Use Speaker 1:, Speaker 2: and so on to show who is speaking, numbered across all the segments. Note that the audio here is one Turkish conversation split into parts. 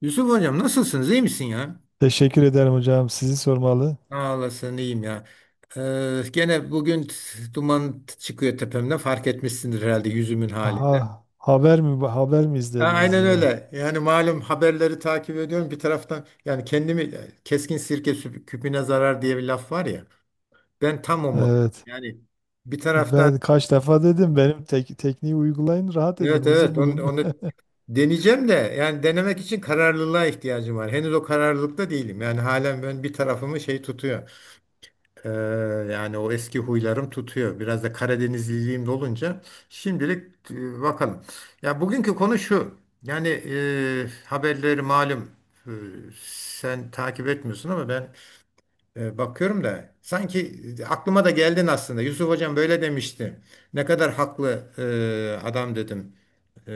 Speaker 1: Yusuf hocam nasılsınız? İyi misin ya?
Speaker 2: Teşekkür ederim hocam. Sizi sormalı.
Speaker 1: Ağlasın iyiyim ya. Gene bugün duman çıkıyor tepemden fark etmişsindir herhalde yüzümün halinde.
Speaker 2: Aha, haber mi
Speaker 1: A-
Speaker 2: izlediniz
Speaker 1: Aynen
Speaker 2: yine?
Speaker 1: öyle. Yani malum haberleri takip ediyorum bir taraftan yani kendimi keskin sirke küpüne zarar diye bir laf var ya. Ben tam o mod.
Speaker 2: Evet.
Speaker 1: Yani bir taraftan
Speaker 2: Ben kaç defa dedim benim tekniği uygulayın, rahat edin,
Speaker 1: evet
Speaker 2: huzur
Speaker 1: evet onu,
Speaker 2: bulun.
Speaker 1: onu deneyeceğim de yani denemek için kararlılığa ihtiyacım var. Henüz o kararlılıkta değilim. Yani halen ben bir tarafımı şey tutuyor. Ee, yani o eski huylarım tutuyor. Biraz da Karadenizliliğim de olunca şimdilik bakalım. Ya bugünkü konu şu. Yani haberleri malum e, sen takip etmiyorsun ama ben bakıyorum da sanki aklıma da geldin aslında. Yusuf Hocam böyle demişti. Ne kadar haklı adam dedim. E,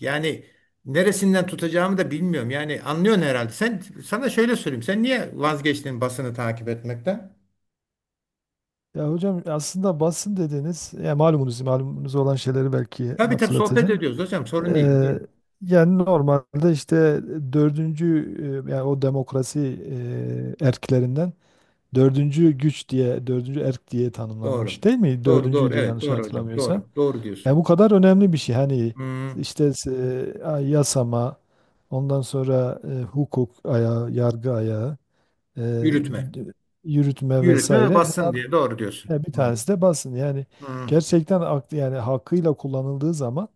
Speaker 1: yani neresinden tutacağımı da bilmiyorum. Yani anlıyorsun herhalde. Sen sana şöyle söyleyeyim. Sen niye vazgeçtin basını takip etmekten?
Speaker 2: Ya hocam aslında basın dediniz. Ya malumunuz olan şeyleri belki
Speaker 1: Tabii tabii sohbet
Speaker 2: hatırlatacağım.
Speaker 1: ediyoruz hocam sorun değil, değil
Speaker 2: Ee,
Speaker 1: mi?
Speaker 2: Yani normalde işte dördüncü, yani o demokrasi erklerinden, dördüncü güç diye, dördüncü erk diye
Speaker 1: Doğru.
Speaker 2: tanımlanmış değil mi?
Speaker 1: Doğru doğru
Speaker 2: Dördüncüydü
Speaker 1: evet
Speaker 2: yanlış
Speaker 1: doğru hocam
Speaker 2: hatırlamıyorsam.
Speaker 1: doğru doğru
Speaker 2: Ya
Speaker 1: diyorsun.
Speaker 2: bu kadar önemli bir şey. Hani
Speaker 1: Hmm,
Speaker 2: işte yasama, ondan sonra hukuk ayağı, yargı ayağı, e,
Speaker 1: yürütme.
Speaker 2: yürütme
Speaker 1: Yürütme ve
Speaker 2: vesaire.
Speaker 1: basın diye
Speaker 2: Bunlardan
Speaker 1: doğru diyorsun.
Speaker 2: bir
Speaker 1: Hmm,
Speaker 2: tanesi de basın. Yani
Speaker 1: hmm.
Speaker 2: gerçekten aklı yani hakkıyla kullanıldığı zaman,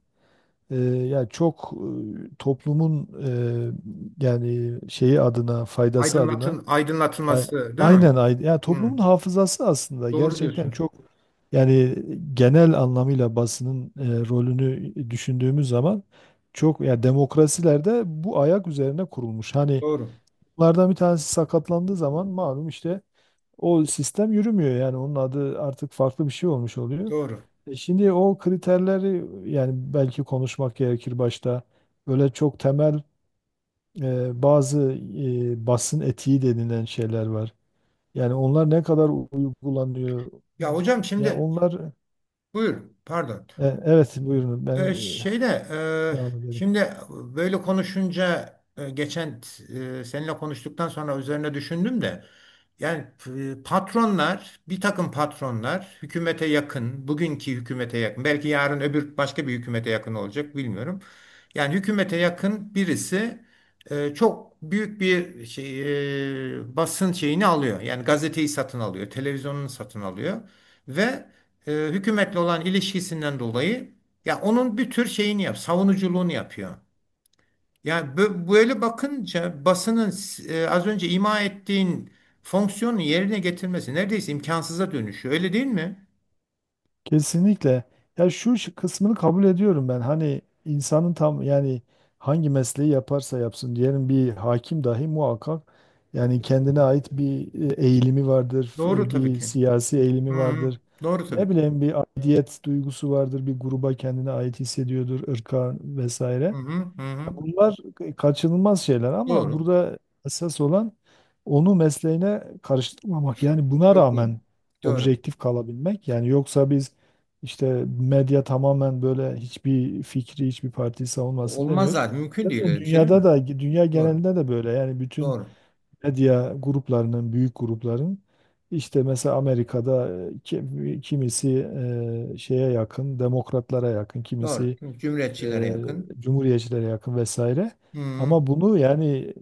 Speaker 2: ya çok, toplumun yani şeyi adına, faydası adına...
Speaker 1: Aydınlatın,
Speaker 2: A-
Speaker 1: aydınlatılması değil mi?
Speaker 2: Aynen, yani
Speaker 1: Hmm,
Speaker 2: toplumun hafızası aslında
Speaker 1: doğru
Speaker 2: gerçekten
Speaker 1: diyorsunuz.
Speaker 2: çok. Yani genel anlamıyla basının rolünü düşündüğümüz zaman, çok ya, demokrasilerde bu ayak üzerine kurulmuş. Hani
Speaker 1: Doğru
Speaker 2: bunlardan bir tanesi sakatlandığı zaman malum işte, o sistem yürümüyor, yani onun adı artık farklı bir şey olmuş oluyor.
Speaker 1: doğru.
Speaker 2: E şimdi o kriterleri, yani belki konuşmak gerekir başta. Böyle çok temel, bazı basın etiği denilen şeyler var. Yani onlar ne kadar uygulanıyor?
Speaker 1: Ya hocam
Speaker 2: Ya
Speaker 1: şimdi
Speaker 2: onlar...
Speaker 1: buyur pardon.
Speaker 2: Evet, buyurun, ben
Speaker 1: Şeyde
Speaker 2: e, devam ederim.
Speaker 1: şimdi böyle konuşunca geçen seninle konuştuktan sonra üzerine düşündüm de yani patronlar bir takım patronlar hükümete yakın bugünkü hükümete yakın belki yarın öbür başka bir hükümete yakın olacak bilmiyorum. Yani hükümete yakın birisi çok büyük bir şey basın şeyini alıyor. Yani gazeteyi satın alıyor, televizyonunu satın alıyor ve hükümetle olan ilişkisinden dolayı ya onun bir tür şeyini savunuculuğunu yapıyor. Ya böyle bakınca basının az önce ima ettiğin fonksiyonu yerine getirmesi neredeyse imkansıza dönüşüyor. Öyle değil mi?
Speaker 2: Kesinlikle. Ya şu kısmını kabul ediyorum ben. Hani insanın tam, yani hangi mesleği yaparsa yapsın diyelim, bir hakim dahi muhakkak yani kendine ait bir eğilimi vardır,
Speaker 1: Doğru tabii
Speaker 2: bir
Speaker 1: ki.
Speaker 2: siyasi
Speaker 1: Hı
Speaker 2: eğilimi
Speaker 1: hı.
Speaker 2: vardır.
Speaker 1: Doğru
Speaker 2: Ne
Speaker 1: tabii ki.
Speaker 2: bileyim, bir aidiyet duygusu vardır, bir gruba kendine ait hissediyordur, ırka
Speaker 1: Hı
Speaker 2: vesaire.
Speaker 1: hı hı,
Speaker 2: Ya
Speaker 1: hı.
Speaker 2: bunlar kaçınılmaz şeyler ama
Speaker 1: Doğru.
Speaker 2: burada esas olan onu mesleğine karıştırmamak. Yani buna
Speaker 1: Çok doğru.
Speaker 2: rağmen
Speaker 1: Doğru.
Speaker 2: objektif kalabilmek. Yani yoksa biz işte medya tamamen böyle hiçbir fikri, hiçbir partiyi savunmasın
Speaker 1: Olmaz
Speaker 2: demiyoruz.
Speaker 1: zaten. Mümkün değil
Speaker 2: Zaten
Speaker 1: öyle bir şey değil
Speaker 2: dünyada
Speaker 1: mi?
Speaker 2: da, dünya
Speaker 1: Doğru.
Speaker 2: genelinde de böyle. Yani bütün
Speaker 1: Doğru.
Speaker 2: medya gruplarının, büyük grupların, işte mesela Amerika'da kimisi şeye yakın, demokratlara yakın,
Speaker 1: Doğru.
Speaker 2: kimisi
Speaker 1: Cumhuriyetçilere
Speaker 2: e,
Speaker 1: yakın.
Speaker 2: cumhuriyetçilere yakın vesaire.
Speaker 1: Hı.
Speaker 2: Ama bunu yani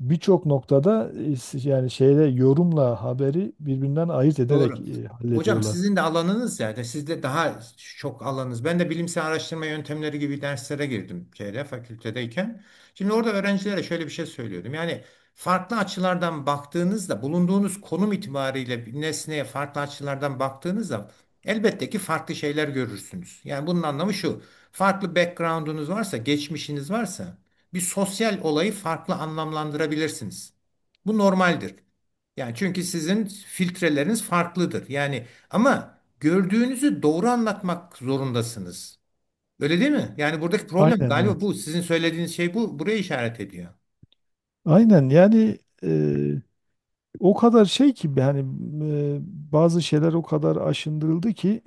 Speaker 2: birçok noktada, yani şeyle, yorumla haberi birbirinden ayırt ederek
Speaker 1: Doğru. Hocam
Speaker 2: hallediyorlar.
Speaker 1: sizin de alanınız yani sizde daha çok alanınız. Ben de bilimsel araştırma yöntemleri gibi derslere girdim şeyde fakültedeyken. Şimdi orada öğrencilere şöyle bir şey söylüyordum. Yani farklı açılardan baktığınızda bulunduğunuz konum itibariyle bir nesneye farklı açılardan baktığınızda elbette ki farklı şeyler görürsünüz. Yani bunun anlamı şu. Farklı background'unuz varsa, geçmişiniz varsa bir sosyal olayı farklı anlamlandırabilirsiniz. Bu normaldir. Yani çünkü sizin filtreleriniz farklıdır. Yani ama gördüğünüzü doğru anlatmak zorundasınız. Öyle değil mi? Yani buradaki problem
Speaker 2: Aynen
Speaker 1: galiba
Speaker 2: evet.
Speaker 1: bu. Sizin söylediğiniz şey bu. Buraya işaret ediyor.
Speaker 2: Aynen yani, e, o kadar şey ki yani, e, bazı şeyler o kadar aşındırıldı ki,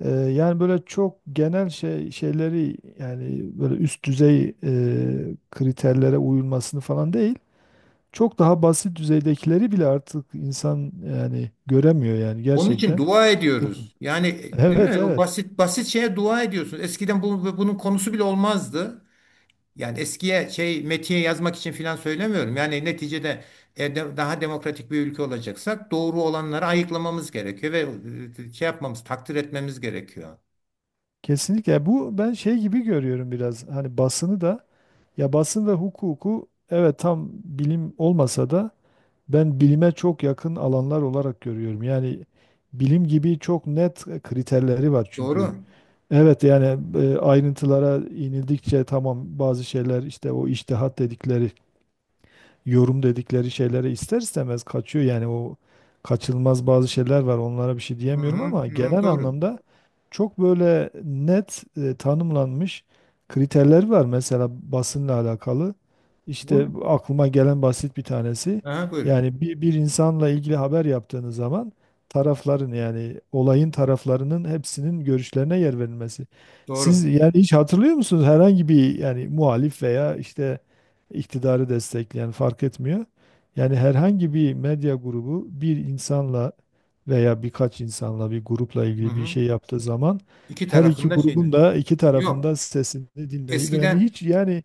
Speaker 2: yani böyle çok genel şey şeyleri, yani böyle üst düzey kriterlere uyulmasını falan değil. Çok daha basit düzeydekileri bile artık insan yani göremiyor, yani
Speaker 1: Onun için
Speaker 2: gerçekten.
Speaker 1: dua
Speaker 2: Çok.
Speaker 1: ediyoruz. Yani değil
Speaker 2: Evet,
Speaker 1: mi? O
Speaker 2: evet.
Speaker 1: basit basit şeye dua ediyorsunuz. Eskiden bunun konusu bile olmazdı. Yani eskiye şey metiye yazmak için filan söylemiyorum. Yani neticede daha demokratik bir ülke olacaksak doğru olanları ayıklamamız gerekiyor ve şey yapmamız, takdir etmemiz gerekiyor.
Speaker 2: Kesinlikle, bu ben şey gibi görüyorum biraz. Hani basını da, ya basın ve hukuku, evet tam bilim olmasa da ben bilime çok yakın alanlar olarak görüyorum. Yani bilim gibi çok net kriterleri var çünkü.
Speaker 1: Doğru.
Speaker 2: Evet yani, ayrıntılara inildikçe tamam bazı şeyler işte o içtihat dedikleri, yorum dedikleri şeylere ister istemez kaçıyor. Yani o kaçılmaz bazı şeyler var. Onlara bir şey
Speaker 1: Hı
Speaker 2: diyemiyorum
Speaker 1: hı,
Speaker 2: ama
Speaker 1: hı hı,
Speaker 2: genel
Speaker 1: doğru.
Speaker 2: anlamda çok böyle net, tanımlanmış kriterler var. Mesela basınla alakalı.
Speaker 1: Burada,
Speaker 2: İşte bu aklıma gelen basit bir tanesi.
Speaker 1: aha, buyurun.
Speaker 2: Yani bir insanla ilgili haber yaptığınız zaman, tarafların yani olayın taraflarının hepsinin görüşlerine yer verilmesi. Siz
Speaker 1: Doğru.
Speaker 2: yani hiç hatırlıyor musunuz, herhangi bir yani muhalif veya işte iktidarı destekleyen fark etmiyor. Yani herhangi bir medya grubu bir insanla veya birkaç insanla, bir grupla
Speaker 1: Hı
Speaker 2: ilgili bir
Speaker 1: hı.
Speaker 2: şey yaptığı zaman,
Speaker 1: İki
Speaker 2: her iki
Speaker 1: tarafında şey ne?
Speaker 2: grubun da iki
Speaker 1: Yok.
Speaker 2: tarafında sesini dinleyip yani,
Speaker 1: Eskiden.
Speaker 2: hiç yani,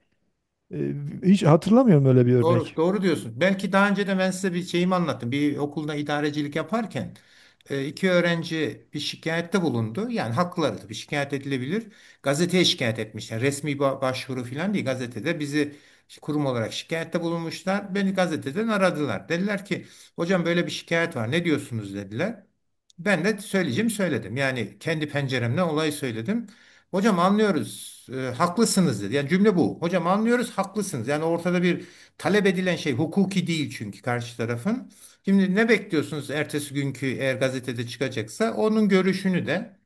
Speaker 2: e, hiç hatırlamıyorum öyle bir
Speaker 1: Doğru,
Speaker 2: örnek.
Speaker 1: doğru diyorsun. Belki daha önce de ben size bir şeyimi anlattım. Bir okulda idarecilik yaparken iki öğrenci bir şikayette bulundu. Yani hakları bir şikayet edilebilir. Gazeteye şikayet etmişler. Resmi başvuru falan değil. Gazetede bizi kurum olarak şikayette bulunmuşlar. Beni gazeteden aradılar. Dediler ki hocam böyle bir şikayet var. Ne diyorsunuz dediler. Ben de söyleyeceğim söyledim. Yani kendi penceremden olayı söyledim. Hocam anlıyoruz. Haklısınız dedi. Yani cümle bu. Hocam anlıyoruz haklısınız. Yani ortada bir talep edilen şey hukuki değil çünkü karşı tarafın. Şimdi ne bekliyorsunuz ertesi günkü eğer gazetede çıkacaksa onun görüşünü de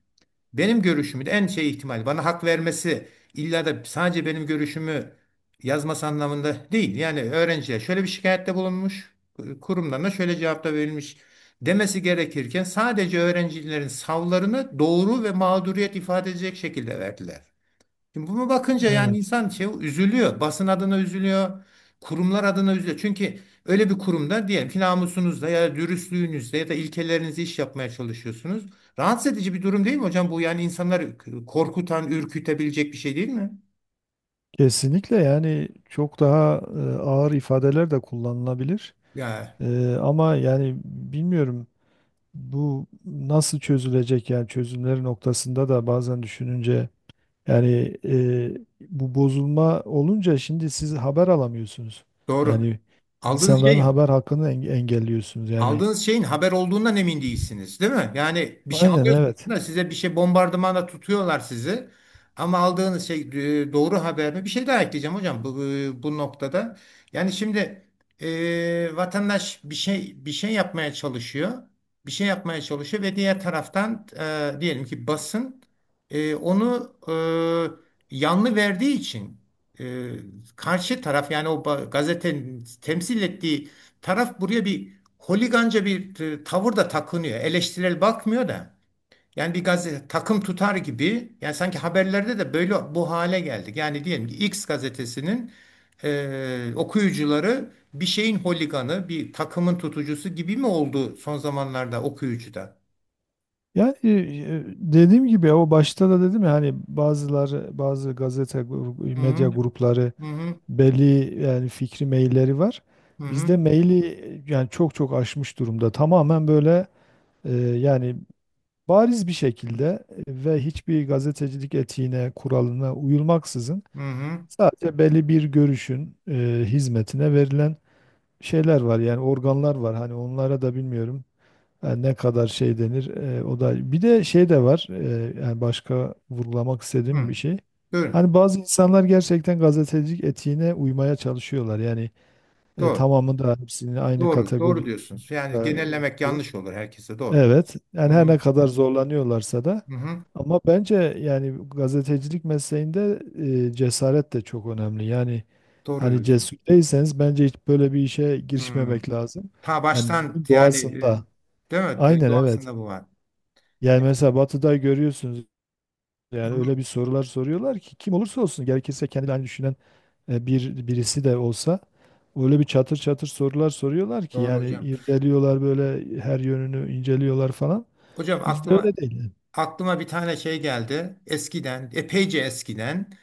Speaker 1: benim görüşümü de en şey ihtimal bana hak vermesi illa da sadece benim görüşümü yazması anlamında değil. Yani öğrenciye şöyle bir şikayette bulunmuş kurumlarına şöyle cevapta verilmiş demesi gerekirken sadece öğrencilerin savlarını doğru ve mağduriyet ifade edecek şekilde verdiler. Şimdi bunu bakınca yani
Speaker 2: Evet.
Speaker 1: insan şey üzülüyor. Basın adına üzülüyor. Kurumlar adına üzülüyor. Çünkü öyle bir kurumda diyelim ki namusunuzda ya da dürüstlüğünüzde ya da ilkelerinizle iş yapmaya çalışıyorsunuz. Rahatsız edici bir durum değil mi hocam? Bu yani insanları korkutan, ürkütebilecek bir şey değil mi?
Speaker 2: Kesinlikle yani çok daha, ağır ifadeler de kullanılabilir.
Speaker 1: Ya
Speaker 2: Ama yani bilmiyorum bu nasıl çözülecek, yani çözümleri noktasında da bazen düşününce... Yani bu bozulma olunca şimdi siz haber alamıyorsunuz.
Speaker 1: doğru.
Speaker 2: Yani
Speaker 1: Aldığınız şey
Speaker 2: insanların
Speaker 1: ya.
Speaker 2: haber hakkını engelliyorsunuz. Yani
Speaker 1: Aldığınız şeyin haber olduğundan emin değilsiniz, değil mi? Yani bir şey
Speaker 2: aynen
Speaker 1: alıyorsunuz
Speaker 2: evet.
Speaker 1: da size bir şey bombardımana tutuyorlar sizi. Ama aldığınız şey doğru haber mi? Bir şey daha ekleyeceğim hocam bu noktada. Yani şimdi vatandaş bir şey yapmaya çalışıyor. Bir şey yapmaya çalışıyor ve diğer taraftan diyelim ki basın onu yanlı verdiği için e, karşı taraf yani o gazetenin temsil ettiği taraf buraya bir holiganca bir tavır da takınıyor. Eleştirel bakmıyor da. Yani bir gazete takım tutar gibi. Yani sanki haberlerde de böyle bu hale geldik. Yani diyelim ki X gazetesinin okuyucuları bir şeyin holiganı, bir takımın tutucusu gibi mi oldu son zamanlarda okuyucuda?
Speaker 2: Yani, dediğim gibi o başta da dedim ya, hani bazıları bazı gazete
Speaker 1: Hı
Speaker 2: medya grupları
Speaker 1: hı hı
Speaker 2: belli, yani fikri mailleri var.
Speaker 1: hı hı
Speaker 2: Bizde maili, yani çok çok aşmış durumda. Tamamen böyle, yani bariz bir şekilde, ve hiçbir gazetecilik etiğine, kuralına uyulmaksızın,
Speaker 1: hı hı,
Speaker 2: sadece belli bir görüşün hizmetine verilen şeyler var, yani organlar var. Hani onlara da bilmiyorum yani ne kadar şey denir. O da bir de şey de var, yani başka vurgulamak istediğim bir
Speaker 1: hı.
Speaker 2: şey.
Speaker 1: Buyurun.
Speaker 2: Hani bazı insanlar gerçekten gazetecilik etiğine uymaya çalışıyorlar, yani
Speaker 1: Doğru.
Speaker 2: tamamı da hepsini aynı
Speaker 1: Doğru.
Speaker 2: kategoride...
Speaker 1: Doğru diyorsunuz. Yani genellemek yanlış olur herkese. Doğru.
Speaker 2: Evet, yani
Speaker 1: Hı
Speaker 2: her
Speaker 1: hı
Speaker 2: ne kadar zorlanıyorlarsa da,
Speaker 1: hı hı.
Speaker 2: ama bence yani gazetecilik mesleğinde cesaret de çok önemli. Yani
Speaker 1: Doğru
Speaker 2: hani
Speaker 1: diyorsun.
Speaker 2: cesur değilseniz bence hiç böyle bir işe
Speaker 1: Hı.
Speaker 2: girişmemek lazım.
Speaker 1: Ta
Speaker 2: Yani
Speaker 1: baştan
Speaker 2: bunun
Speaker 1: yani
Speaker 2: doğasında.
Speaker 1: değil mi?
Speaker 2: Aynen evet.
Speaker 1: Doğasında bu var. Ya,
Speaker 2: Yani mesela Batı'da görüyorsunuz,
Speaker 1: hı,
Speaker 2: yani öyle bir sorular soruyorlar ki kim olursa olsun, gerekirse kendi aynı düşünen bir birisi de olsa, öyle bir çatır çatır sorular soruyorlar ki,
Speaker 1: doğru
Speaker 2: yani
Speaker 1: hocam.
Speaker 2: irdeliyorlar, böyle her yönünü inceliyorlar falan.
Speaker 1: Hocam
Speaker 2: Bizde
Speaker 1: aklıma
Speaker 2: öyle değil.
Speaker 1: aklıma bir tane şey geldi. Eskiden, epeyce eskiden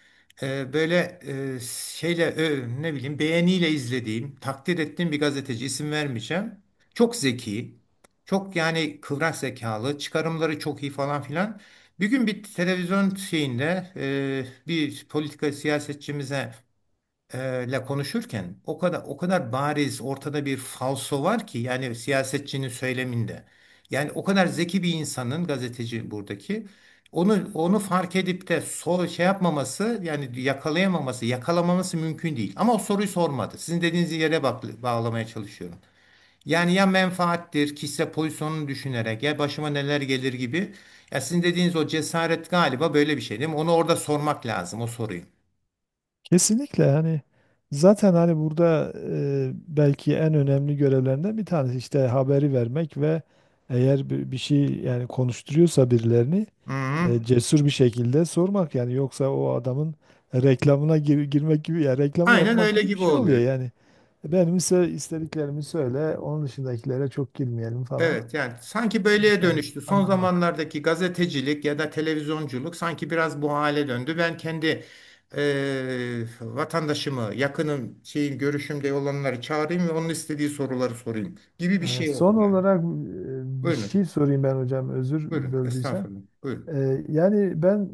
Speaker 1: böyle şeyle ne bileyim beğeniyle izlediğim, takdir ettiğim bir gazeteci isim vermeyeceğim. Çok zeki, çok yani kıvrak zekalı, çıkarımları çok iyi falan filan. Bir gün bir televizyon şeyinde bir politika siyasetçimize ile konuşurken o kadar o kadar bariz ortada bir falso var ki yani siyasetçinin söyleminde. Yani o kadar zeki bir insanın gazeteci buradaki onu fark edip de şey yapmaması yani yakalayamaması, yakalamaması mümkün değil. Ama o soruyu sormadı. Sizin dediğiniz yere bak, bağlamaya çalışıyorum. Yani ya menfaattir, kişisel pozisyonunu düşünerek ya başıma neler gelir gibi. Ya sizin dediğiniz o cesaret galiba böyle bir şey değil mi? Onu orada sormak lazım o soruyu.
Speaker 2: Kesinlikle, hani zaten hani burada belki en önemli görevlerinden bir tanesi işte haberi vermek ve eğer bir şey yani konuşturuyorsa birilerini,
Speaker 1: Hı hı.
Speaker 2: cesur bir şekilde sormak. Yani yoksa o adamın reklamına girmek gibi, ya reklamı
Speaker 1: Aynen
Speaker 2: yapmak
Speaker 1: öyle
Speaker 2: gibi bir
Speaker 1: gibi
Speaker 2: şey oluyor
Speaker 1: oluyor.
Speaker 2: yani. Benim ise istediklerimi söyle, onun dışındakilere çok girmeyelim falan.
Speaker 1: Evet yani sanki böyleye
Speaker 2: İnsanı
Speaker 1: dönüştü. Son
Speaker 2: kandırmak.
Speaker 1: zamanlardaki gazetecilik ya da televizyonculuk sanki biraz bu hale döndü. Ben kendi vatandaşımı, yakınım, şeyim, görüşümde olanları çağırayım ve onun istediği soruları sorayım gibi bir
Speaker 2: Evet,
Speaker 1: şey oldu.
Speaker 2: son
Speaker 1: Yani.
Speaker 2: olarak bir
Speaker 1: Buyurun hocam.
Speaker 2: şey sorayım ben hocam, özür
Speaker 1: Buyurun.
Speaker 2: böldüysem.
Speaker 1: Estağfurullah. Buyurun.
Speaker 2: Yani ben,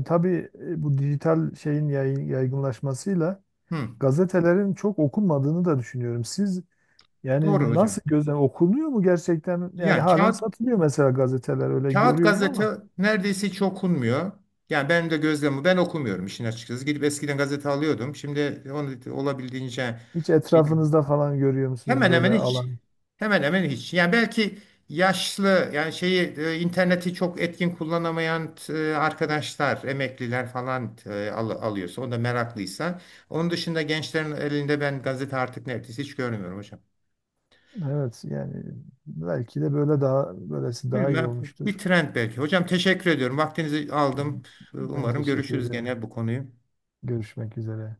Speaker 2: tabii, bu dijital şeyin yaygınlaşmasıyla
Speaker 1: Hı,
Speaker 2: gazetelerin çok okunmadığını da düşünüyorum. Siz
Speaker 1: doğru
Speaker 2: yani
Speaker 1: hocam.
Speaker 2: nasıl gözlem, okunuyor mu gerçekten? Yani
Speaker 1: Ya
Speaker 2: halen
Speaker 1: kağıt
Speaker 2: satılıyor mesela gazeteler, öyle
Speaker 1: kağıt
Speaker 2: görüyorum
Speaker 1: gazete
Speaker 2: ama
Speaker 1: neredeyse hiç okunmuyor. Yani benim de gözlemim ben okumuyorum işin açıkçası. Gidip eskiden gazete alıyordum. Şimdi onu olabildiğince.
Speaker 2: hiç etrafınızda falan görüyor musunuz
Speaker 1: Hemen hemen
Speaker 2: böyle
Speaker 1: hiç.
Speaker 2: alan?
Speaker 1: Hemen hemen hiç. Yani belki yaşlı yani şeyi interneti çok etkin kullanamayan arkadaşlar, emekliler falan alıyorsa, o da meraklıysa. Onun dışında gençlerin elinde ben gazete artık neredeyse hiç görmüyorum hocam.
Speaker 2: Evet yani belki de böyle, daha böylesi daha iyi
Speaker 1: Bilmem. Bir
Speaker 2: olmuştur.
Speaker 1: trend belki. Hocam teşekkür ediyorum. Vaktinizi aldım.
Speaker 2: Ben
Speaker 1: Umarım
Speaker 2: teşekkür
Speaker 1: görüşürüz
Speaker 2: ederim.
Speaker 1: gene bu konuyu.
Speaker 2: Görüşmek üzere.